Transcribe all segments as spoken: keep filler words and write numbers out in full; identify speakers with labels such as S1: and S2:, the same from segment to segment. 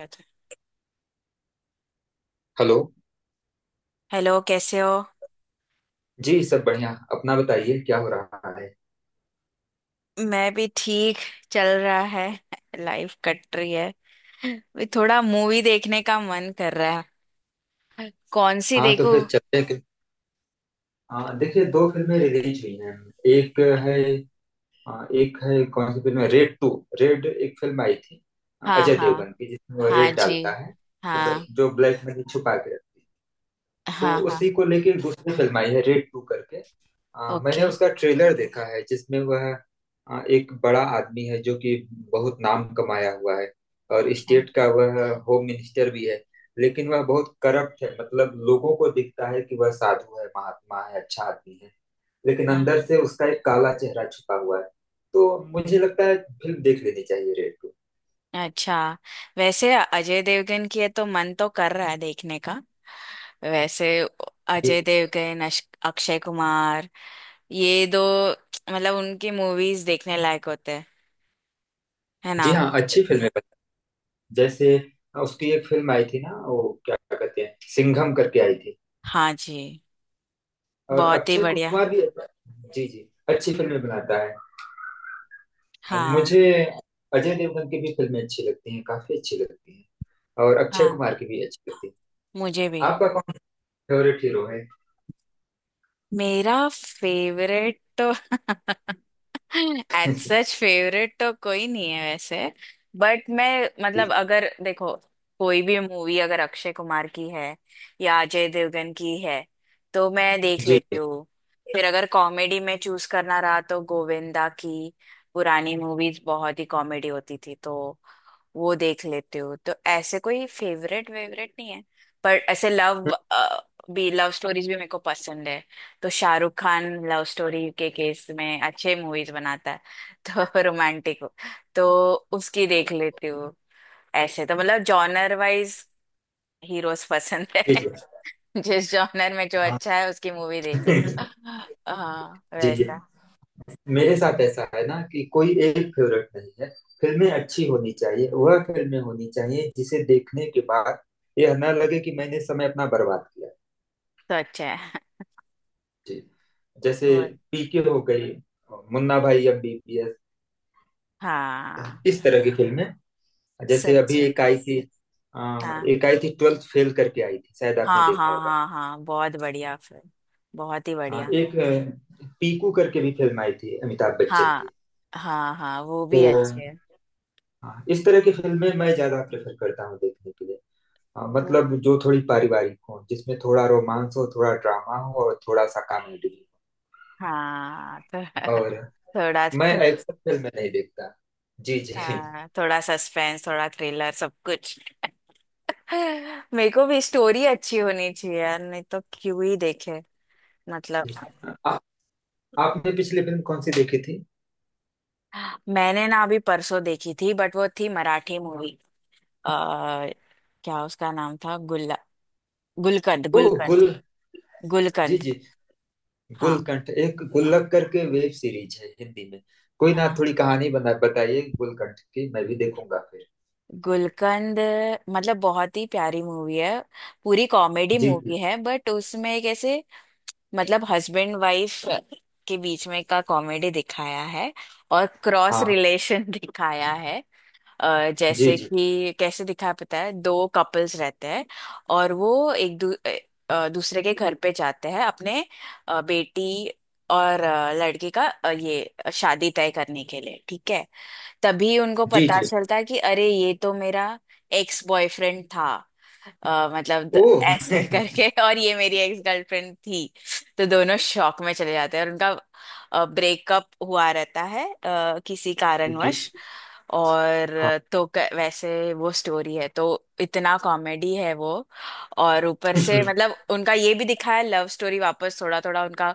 S1: अच्छा।
S2: Hello.
S1: Hello कैसे हो?
S2: जी सब बढ़िया, अपना बताइए क्या हो रहा है।
S1: मैं भी ठीक। चल रहा है। लाइफ कट रही है। भी थोड़ा मूवी देखने का मन कर रहा है। कौन सी
S2: हाँ तो
S1: देखो?
S2: फिर चलते हैं कि- हाँ देखिए, दो फिल्में रिलीज हुई हैं। एक है। हाँ, एक है कौन सी फिल्म है, रेड टू। रेड एक फिल्म आई थी
S1: हाँ,
S2: अजय
S1: हाँ।
S2: देवगन की, जिसमें वो
S1: हाँ
S2: रेड
S1: जी।
S2: डालता है, मतलब
S1: हाँ,
S2: जो ब्लैक मनी छुपा के रखती है। तो
S1: हाँ। हाँ।
S2: उसी को लेके एक दूसरी फिल्म आई है रेड टू करके। अ, मैंने
S1: ओके।
S2: उसका ट्रेलर देखा है, जिसमें वह अ, एक बड़ा आदमी है जो कि बहुत नाम कमाया हुआ है, और
S1: हाँ।
S2: स्टेट का वह होम मिनिस्टर भी है। लेकिन वह बहुत करप्ट है, मतलब लोगों को दिखता है कि वह साधु है, महात्मा है, अच्छा आदमी है, लेकिन अंदर से उसका एक काला चेहरा छुपा हुआ है। तो मुझे लगता है फिल्म देख लेनी चाहिए, रेड
S1: अच्छा। वैसे अजय देवगन की है तो मन तो कर रहा है देखने का। वैसे
S2: टू।
S1: अजय देवगन अश- अक्षय कुमार, ये दो मतलब उनकी मूवीज देखने लायक होते हैं, है ना?
S2: जी हाँ, अच्छी फिल्म है। जैसे हाँ, उसकी एक फिल्म आई थी ना, वो क्या कहते हैं, सिंघम करके आई थी।
S1: हाँ जी।
S2: और
S1: बहुत ही
S2: अक्षय
S1: बढ़िया।
S2: कुमार भी। जी जी, अच्छी फिल्में बनाता है। और
S1: हाँ,
S2: मुझे अजय देवगन की भी फिल्में अच्छी लगती हैं, काफी अच्छी लगती हैं। और अक्षय
S1: हाँ।
S2: कुमार की भी अच्छी लगती है।
S1: मुझे भी।
S2: आपका कौन फेवरेट हीरो है।
S1: मेरा फेवरेट तो एज सच फेवरेट तो कोई नहीं है वैसे। बट मैं मतलब अगर देखो, कोई भी मूवी अगर अक्षय कुमार की है या अजय देवगन की है तो मैं देख
S2: जी जी।
S1: लेती हूँ। फिर अगर कॉमेडी में चूज करना रहा तो गोविंदा की पुरानी मूवीज बहुत ही कॉमेडी होती थी तो वो देख लेती हूँ। तो ऐसे कोई फेवरेट वेवरेट नहीं है। पर ऐसे लव भी, लव स्टोरीज भी मेरे को पसंद है, तो शाहरुख खान लव स्टोरी के केस में अच्छे मूवीज बनाता है। तो रोमांटिक हो तो उसकी देख लेती हूँ। ऐसे तो मतलब जॉनर वाइज हीरोज पसंद
S2: जी
S1: है।
S2: जी।
S1: जिस जॉनर में जो
S2: हाँ।
S1: अच्छा है उसकी मूवी देख लो। हाँ,
S2: जी जी।
S1: वैसा।
S2: मेरे साथ ऐसा है ना कि कोई एक फेवरेट नहीं है। फिल्में अच्छी होनी चाहिए, वह फिल्में होनी चाहिए जिसे देखने के बाद यह ना लगे कि मैंने समय अपना बर्बाद किया।
S1: तो अच्छा है।
S2: जी। जैसे
S1: और
S2: पीके हो गई, मुन्ना भाई एमबीबीएस,
S1: हाँ।
S2: इस तरह की फिल्में। जैसे
S1: सच
S2: अभी
S1: है।
S2: एक आई थी, अ,
S1: हाँ,
S2: एक आई थी ट्वेल्थ फेल करके आई थी, शायद आपने
S1: हाँ,
S2: देखा
S1: हाँ,
S2: होगा।
S1: हाँ, हाँ, बहुत बढ़िया फिल्म, बहुत ही
S2: अ,
S1: बढ़िया।
S2: एक अ, पीकू करके भी फिल्म आई थी अमिताभ बच्चन
S1: हाँ,
S2: की।
S1: हाँ, हाँ, वो
S2: तो
S1: भी अच्छे है।
S2: हाँ, इस तरह की फिल्में मैं ज्यादा प्रेफर करता हूँ देखने के लिए। हाँ,
S1: और
S2: मतलब जो थोड़ी पारिवारिक हो, जिसमें थोड़ा रोमांस हो, थोड़ा ड्रामा हो, और थोड़ा सा कॉमेडी
S1: हाँ तो
S2: हो। और
S1: थोड़ा।
S2: मैं एक्शन फिल्में नहीं देखता। जी जी।
S1: हाँ, थोड़ा सस्पेंस, थोड़ा थ्रिलर, सब कुछ मेरे को भी स्टोरी अच्छी होनी चाहिए यार, नहीं तो क्यों ही देखे मतलब।
S2: आपने पिछली फिल्म कौन सी देखी थी।
S1: मैंने ना अभी परसों देखी थी, बट वो थी मराठी मूवी। आ क्या उसका नाम था, गुल्ला गुलकंद,
S2: ओ
S1: गुलकंद।
S2: गुल। जी
S1: गुलकंद।
S2: जी।
S1: हाँ
S2: गुलकंठ, एक गुल्लक करके वेब सीरीज है हिंदी में। कोई ना,
S1: हाँ।
S2: थोड़ी कहानी बना बताइए गुलकंठ की, मैं भी देखूंगा फिर।
S1: गुलकंद मतलब बहुत ही प्यारी मूवी है। पूरी कॉमेडी
S2: जी जी।
S1: मूवी है, बट उसमें एक ऐसे मतलब हस्बैंड वाइफ के बीच में का कॉमेडी दिखाया है और क्रॉस
S2: हाँ।
S1: रिलेशन दिखाया है। अ,
S2: जी
S1: जैसे
S2: जी।
S1: कि कैसे दिखाया, पता है, दो कपल्स रहते हैं और वो एक दू, अ, दूसरे के घर पे जाते हैं अपने अ, बेटी और अ, लड़के का अ, ये शादी तय करने के लिए, ठीक है? तभी उनको
S2: जी
S1: पता
S2: जी।
S1: चलता कि अरे ये तो मेरा एक्स बॉयफ्रेंड था। अ, मतलब द-
S2: ओ।
S1: ऐसे करके, और ये मेरी एक्स गर्लफ्रेंड थी। तो दोनों शॉक में चले जाते हैं, और उनका ब्रेकअप हुआ रहता है अ, किसी
S2: जी जी।
S1: कारणवश। और
S2: हाँ।
S1: अ, तो क- वैसे वो स्टोरी है तो इतना कॉमेडी है वो। और ऊपर से
S2: जी
S1: मतलब उनका ये भी दिखाया, लव स्टोरी वापस थोड़ा थोड़ा उनका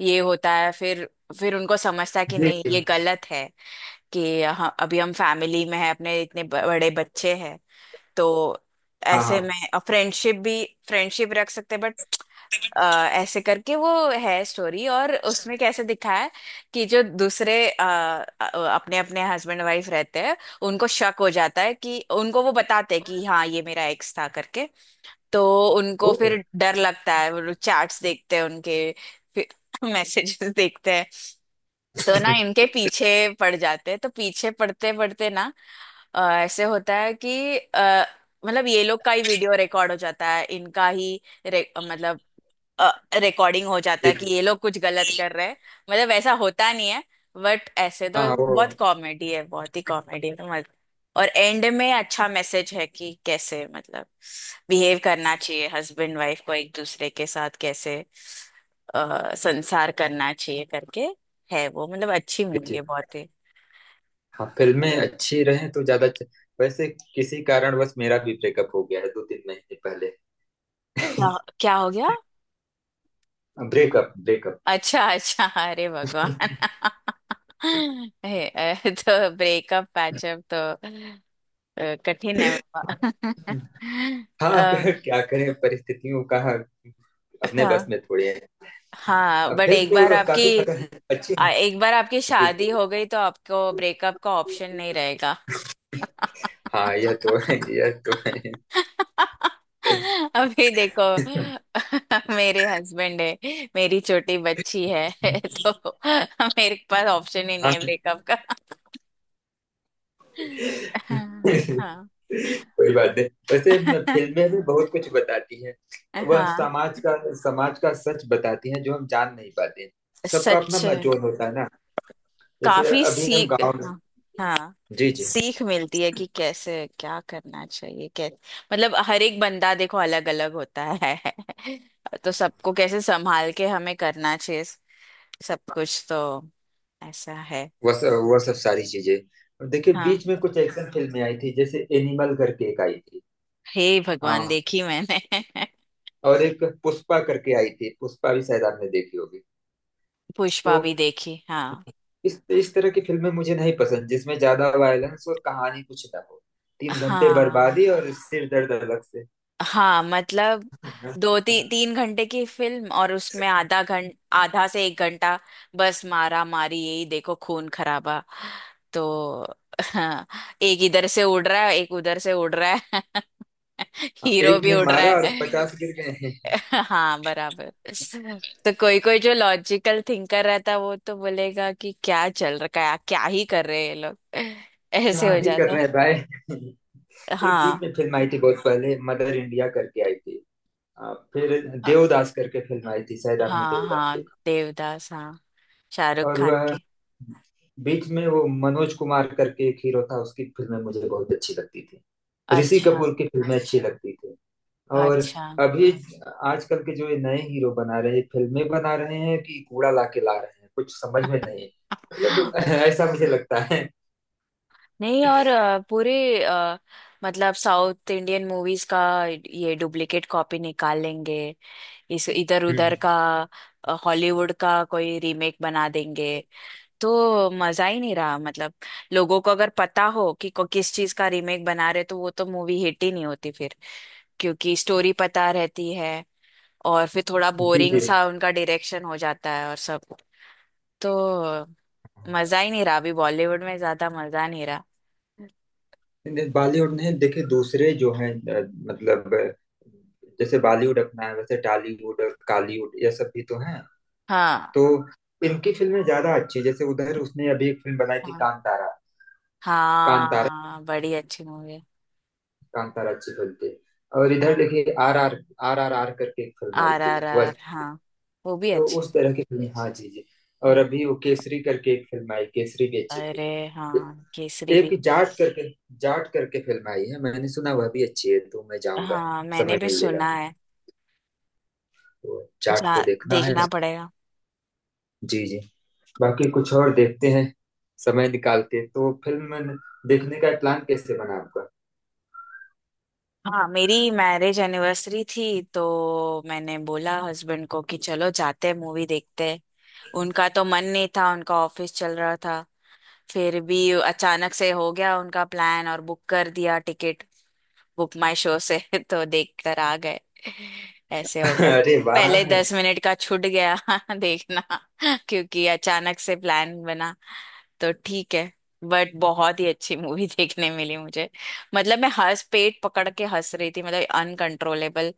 S1: ये होता है फिर। फिर उनको समझता है कि
S2: जी।
S1: नहीं, ये गलत है, कि हाँ अभी हम फैमिली में है, अपने इतने ब- बड़े बच्चे हैं, तो
S2: हाँ
S1: ऐसे में
S2: हाँ।
S1: फ्रेंडशिप भी फ्रेंडशिप रख सकते हैं बट, ऐसे करके वो है स्टोरी। और उसमें कैसे दिखाया है कि जो दूसरे अपने अपने हस्बैंड वाइफ रहते हैं उनको शक हो जाता है, कि उनको वो बताते हैं कि हाँ ये मेरा एक्स था करके। तो उनको
S2: ओ।
S1: फिर डर लगता है, वो चैट्स देखते हैं उनके, फिर मैसेजेस देखते हैं। तो ना इनके पीछे पड़ जाते हैं, तो पीछे पड़ते पड़ते ना अ, ऐसे होता है कि अ, मतलब ये लोग का ही वीडियो रिकॉर्ड हो जाता है, इनका ही रे- मतलब रिकॉर्डिंग हो जाता
S2: जी
S1: है कि
S2: जी।
S1: ये लोग कुछ गलत कर रहे हैं। मतलब वैसा होता नहीं है, बट ऐसे
S2: हाँ
S1: तो
S2: वो।
S1: बहुत कॉमेडी है, बहुत ही कॉमेडी है तो मज- और एंड में अच्छा मैसेज है कि कैसे मतलब बिहेव करना चाहिए हस्बैंड वाइफ को एक दूसरे के साथ, कैसे अ, संसार करना चाहिए करके। है वो, मतलब अच्छी
S2: जी
S1: मूवी है
S2: जी।
S1: बहुत ही।
S2: हाँ फिल्में अच्छी रहें तो ज्यादा अच्छ- वैसे किसी कारणवश मेरा भी ब्रेकअप हो गया है दो तीन महीने पहले।
S1: क्या? क्या हो गया?
S2: Breakup breakup.
S1: अच्छा, अच्छा, अरे भगवान हे, अ, तो ब्रेकअप पैचअप तो अ, कठिन है बाबा
S2: हाँ।
S1: अ,
S2: क्या करें, परिस्थितियों का अपने
S1: हाँ,
S2: बस में थोड़ी है।
S1: हाँ,
S2: अब
S1: बट
S2: फिल्म
S1: एक बार
S2: तो
S1: आपकी,
S2: काफी पसंद अच्छी
S1: आ,
S2: है। जी,
S1: एक बार आपकी शादी
S2: जी।
S1: हो गई तो आपको ब्रेकअप का ऑप्शन नहीं रहेगा।
S2: हाँ यह तो है, यह तो है।
S1: अभी देखो मेरे हस्बैंड है, मेरी छोटी बच्ची है तो मेरे पास ऑप्शन ही नहीं
S2: हाँ
S1: है ब्रेकअप का हाँ, हाँ।
S2: कोई बात नहीं। वैसे म- फिल्में भी बहुत कुछ बताती हैं। वह
S1: हाँ।
S2: समाज का समाज का सच बताती हैं जो हम जान नहीं पाते। सबका अपना
S1: सच।
S2: अपना जोन होता है ना। जैसे
S1: काफी
S2: अभी हम
S1: सीख,
S2: गांव में।
S1: हाँ, हाँ।
S2: जी
S1: सीख मिलती है कि कैसे क्या करना चाहिए, कैसे मतलब हर एक बंदा देखो अलग अलग होता है तो
S2: जी।
S1: सबको कैसे संभाल के हमें करना चाहिए सब कुछ, तो ऐसा है।
S2: वह सब वह सब सारी चीजें। और देखिए,
S1: हाँ।
S2: बीच में कुछ एक्शन फिल्में आई थी, जैसे एनिमल करके एक आई थी।
S1: हे भगवान,
S2: हाँ।
S1: देखी मैंने।
S2: और एक पुष्पा करके आई थी, पुष्पा भी शायद आपने देखी होगी।
S1: पुष्पा
S2: तो
S1: भी देखी, हाँ।
S2: इस इस तरह की फिल्में मुझे नहीं पसंद जिसमें ज्यादा वायलेंस और कहानी कुछ ना हो। तीन घंटे
S1: हाँ,
S2: बर्बादी और सिर दर्द अलग से।
S1: हाँ मतलब दो ती, तीन घंटे की फिल्म और उसमें आधा घंट आधा से एक घंटा बस मारा मारी, यही देखो, खून खराबा तो हाँ। एक इधर से उड़ रहा है, एक उधर से उड़ रहा है
S2: हाँ,
S1: हीरो
S2: एक
S1: भी
S2: ने
S1: उड़ रहा
S2: मारा और
S1: है
S2: पचास गिर गए हैं।
S1: हाँ, बराबर। तो कोई कोई जो लॉजिकल थिंकर रहता है वो तो बोलेगा कि क्या चल रखा है, क्या ही कर रहे हैं ये लोग ऐसे
S2: क्या
S1: हो
S2: भी कर
S1: जाता
S2: रहे हैं भाई।
S1: है।
S2: एक बीच
S1: हाँ,
S2: में फिल्म आई थी बहुत पहले, मदर इंडिया करके आई थी। आ, फिर देवदास करके फिल्म आई थी, शायद आपने
S1: हाँ,
S2: देवदास।
S1: हाँ, देवदास, हाँ, शाहरुख
S2: और
S1: खान
S2: वह
S1: के।
S2: बीच में वो मनोज कुमार करके एक हीरो था, उसकी फिल्में मुझे बहुत अच्छी लगती थी। ऋषि
S1: अच्छा,
S2: कपूर की फिल्में अच्छी अच्छा लगती थी। और
S1: अच्छा।
S2: अभी आजकल के जो ये नए हीरो बना रहे हैं, फिल्में बना रहे हैं कि कूड़ा ला के ला रहे हैं, कुछ समझ में नहीं। मतलब ऐसा मुझे लगता है।
S1: नहीं, और अ, पूरे अ, मतलब साउथ इंडियन मूवीज का ये डुप्लीकेट कॉपी निकाल लेंगे, इस इधर उधर
S2: हम्म।
S1: का अ, हॉलीवुड का कोई रीमेक बना देंगे। तो मजा ही नहीं रहा मतलब, लोगों को अगर पता हो कि को किस चीज का रीमेक बना रहे तो वो तो मूवी हिट ही नहीं होती फिर, क्योंकि स्टोरी पता रहती है, और फिर थोड़ा
S2: जी
S1: बोरिंग
S2: जी।
S1: सा उनका डायरेक्शन हो जाता है और सब। तो मजा ही नहीं रहा, अभी बॉलीवुड में ज्यादा मजा नहीं रहा।
S2: नहीं, बॉलीवुड ने देखे दूसरे जो हैं, अ, मतलब अ, जैसे बॉलीवुड अपना है, वैसे टॉलीवुड और कॉलीवुड ये सब भी तो हैं।
S1: हाँ,
S2: तो इनकी फिल्में ज्यादा अच्छी है। जैसे उधर उसने अभी एक फिल्म बनाई थी
S1: हाँ,
S2: कांतारा। कांतारा।
S1: हाँ, बड़ी अच्छी मूवी है।
S2: कांतारा अच्छी फिल्म थी। और इधर
S1: हाँ,
S2: देखिए R R R R R करके एक फिल्म आई
S1: आर
S2: थी,
S1: आर
S2: वो
S1: आर,
S2: अच्छी थी।
S1: हाँ वो भी
S2: तो
S1: अच्छी।
S2: उस तरह की फिल्म। हाँ जी जी। और
S1: हम्म।
S2: अभी वो केसरी करके एक फिल्म आई, केसरी भी अच्छी थी।
S1: अरे हाँ, केसरी
S2: एक
S1: भी।
S2: जाट करके, जाट करके फिल्म आई है मैंने सुना, वह भी अच्छी है, तो मैं जाऊंगा
S1: हाँ, मैंने
S2: समय
S1: भी
S2: मिलेगा
S1: सुना है।
S2: तो। तो जाट
S1: जा
S2: को देखना है।
S1: देखना पड़ेगा।
S2: जी जी। बाकी कुछ और देखते हैं समय निकाल के। तो फिल्म देखने का प्लान कैसे बना आपका।
S1: हाँ, मेरी मैरिज एनिवर्सरी थी तो मैंने बोला हस्बैंड को कि चलो जाते हैं मूवी देखते हैं। उनका तो मन नहीं था, उनका ऑफिस चल रहा था, फिर भी अचानक से हो गया उनका प्लान और बुक कर दिया टिकट, बुक माई शो से तो देख कर आ गए, ऐसे हो गया
S2: अरे वाह।
S1: पहले दस मिनट का छूट गया देखना, क्योंकि अचानक से प्लान बना, तो ठीक है। बट बहुत ही अच्छी मूवी देखने मिली मुझे, मतलब मैं हंस, पेट पकड़ के हंस रही थी, मतलब अनकंट्रोलेबल,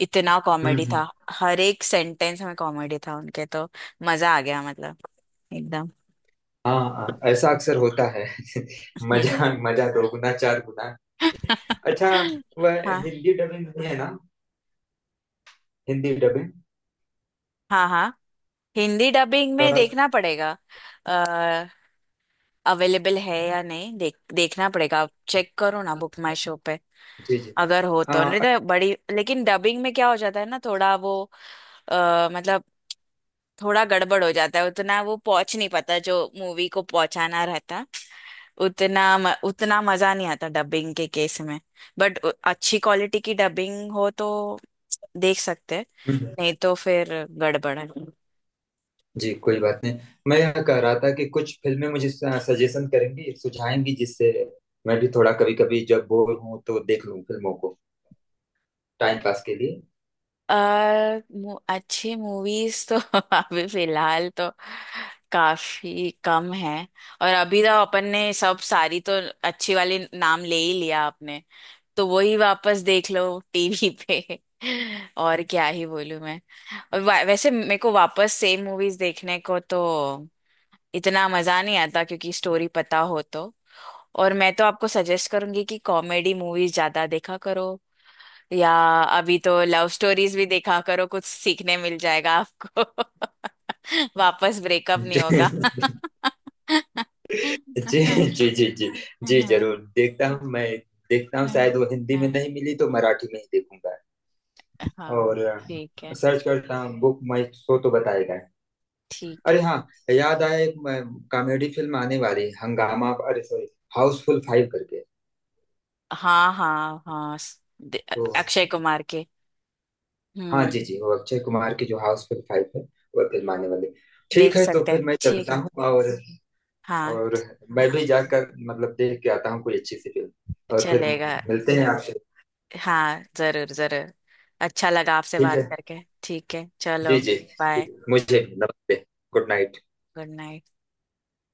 S1: इतना कॉमेडी
S2: हम्म।
S1: था। हर एक सेंटेंस में कॉमेडी था उनके, तो मजा आ गया मतलब एकदम
S2: हाँ। हाँ, ऐसा अक्सर होता है। मजा मजा दो गुना चार गुना। अच्छा, वह
S1: हाँ,
S2: हिंदी डबिंग भी है ना। हिंदी डबिंग
S1: हाँ, हाँ, हिंदी डबिंग
S2: कर
S1: में
S2: रहा था।
S1: देखना पड़ेगा, अवेलेबल है या नहीं देख देखना पड़ेगा, आप चेक करो ना बुक माई शो पे,
S2: जी जी।
S1: अगर हो
S2: आ।
S1: तो, नहीं तो बड़ी, लेकिन डबिंग में क्या हो जाता है ना, थोड़ा वो अ, मतलब थोड़ा गड़बड़ हो जाता है, उतना वो पहुंच नहीं पाता जो मूवी को पहुंचाना रहता, उतना म, उतना मजा नहीं आता डबिंग के केस में। बट अच्छी क्वालिटी की डबिंग हो तो देख सकते हैं,
S2: हम्म।
S1: नहीं तो फिर गड़बड़ है।
S2: जी कोई बात नहीं। मैं यह कह रहा था कि कुछ फिल्में मुझे सजेशन करेंगी, सुझाएंगी, जिससे मैं भी थोड़ा कभी कभी जब बोर हूं तो देख लूं फिल्मों को टाइम पास के
S1: आ, मु- अच्छी मूवीज तो अभी फिलहाल तो काफी कम है, और अभी तो अपन ने सब सारी तो अच्छी वाली नाम ले ही लिया आपने, तो वही वापस देख लो टीवी पे और क्या ही बोलूं मैं। और वा- वैसे मेरे को वापस सेम मूवीज देखने को तो इतना मजा नहीं आता क्योंकि स्टोरी पता हो तो। और मैं तो आपको सजेस्ट करूंगी कि कॉमेडी मूवीज ज्यादा देखा करो, या अभी तो लव स्टोरीज भी देखा करो, कुछ सीखने मिल जाएगा आपको वापस ब्रेकअप नहीं
S2: लिए।
S1: होगा
S2: जी जी। जी जी। जी जरूर देखता हूँ मैं, देखता हूँ। शायद वो हिंदी में नहीं मिली तो मराठी में ही देखूंगा।
S1: हाँ,
S2: और अ,
S1: ठीक है,
S2: सर्च करता हूँ बुक माई शो तो बताएगा।
S1: ठीक
S2: अरे
S1: है।
S2: हाँ, याद आया, एक कॉमेडी फिल्म आने वाली है, हंगामा अरे सॉरी हाउसफुल फाइव करके।
S1: हाँ, हाँ, हाँ, स- दे-
S2: तो
S1: अक्षय कुमार के।
S2: हाँ
S1: हम्म।
S2: जी जी, वो अक्षय कुमार की जो हाउसफुल फाइव है, वो फिल्म आने वाली है। ठीक
S1: देख
S2: है तो
S1: सकते
S2: फिर
S1: हैं,
S2: मैं
S1: ठीक
S2: चलता
S1: है,
S2: हूँ। और
S1: हाँ।
S2: और मैं भी जाकर मतलब देख के आता हूँ कोई अच्छी सी फिल्म। और फिर
S1: चलेगा।
S2: मिलते हैं आपसे।
S1: हाँ, जरूर, जरूर। अच्छा लगा आपसे
S2: ठीक है।
S1: बात करके, ठीक है, चलो,
S2: जी जी।
S1: बाय।
S2: मुझे नमस्ते। Good night.
S1: Good night.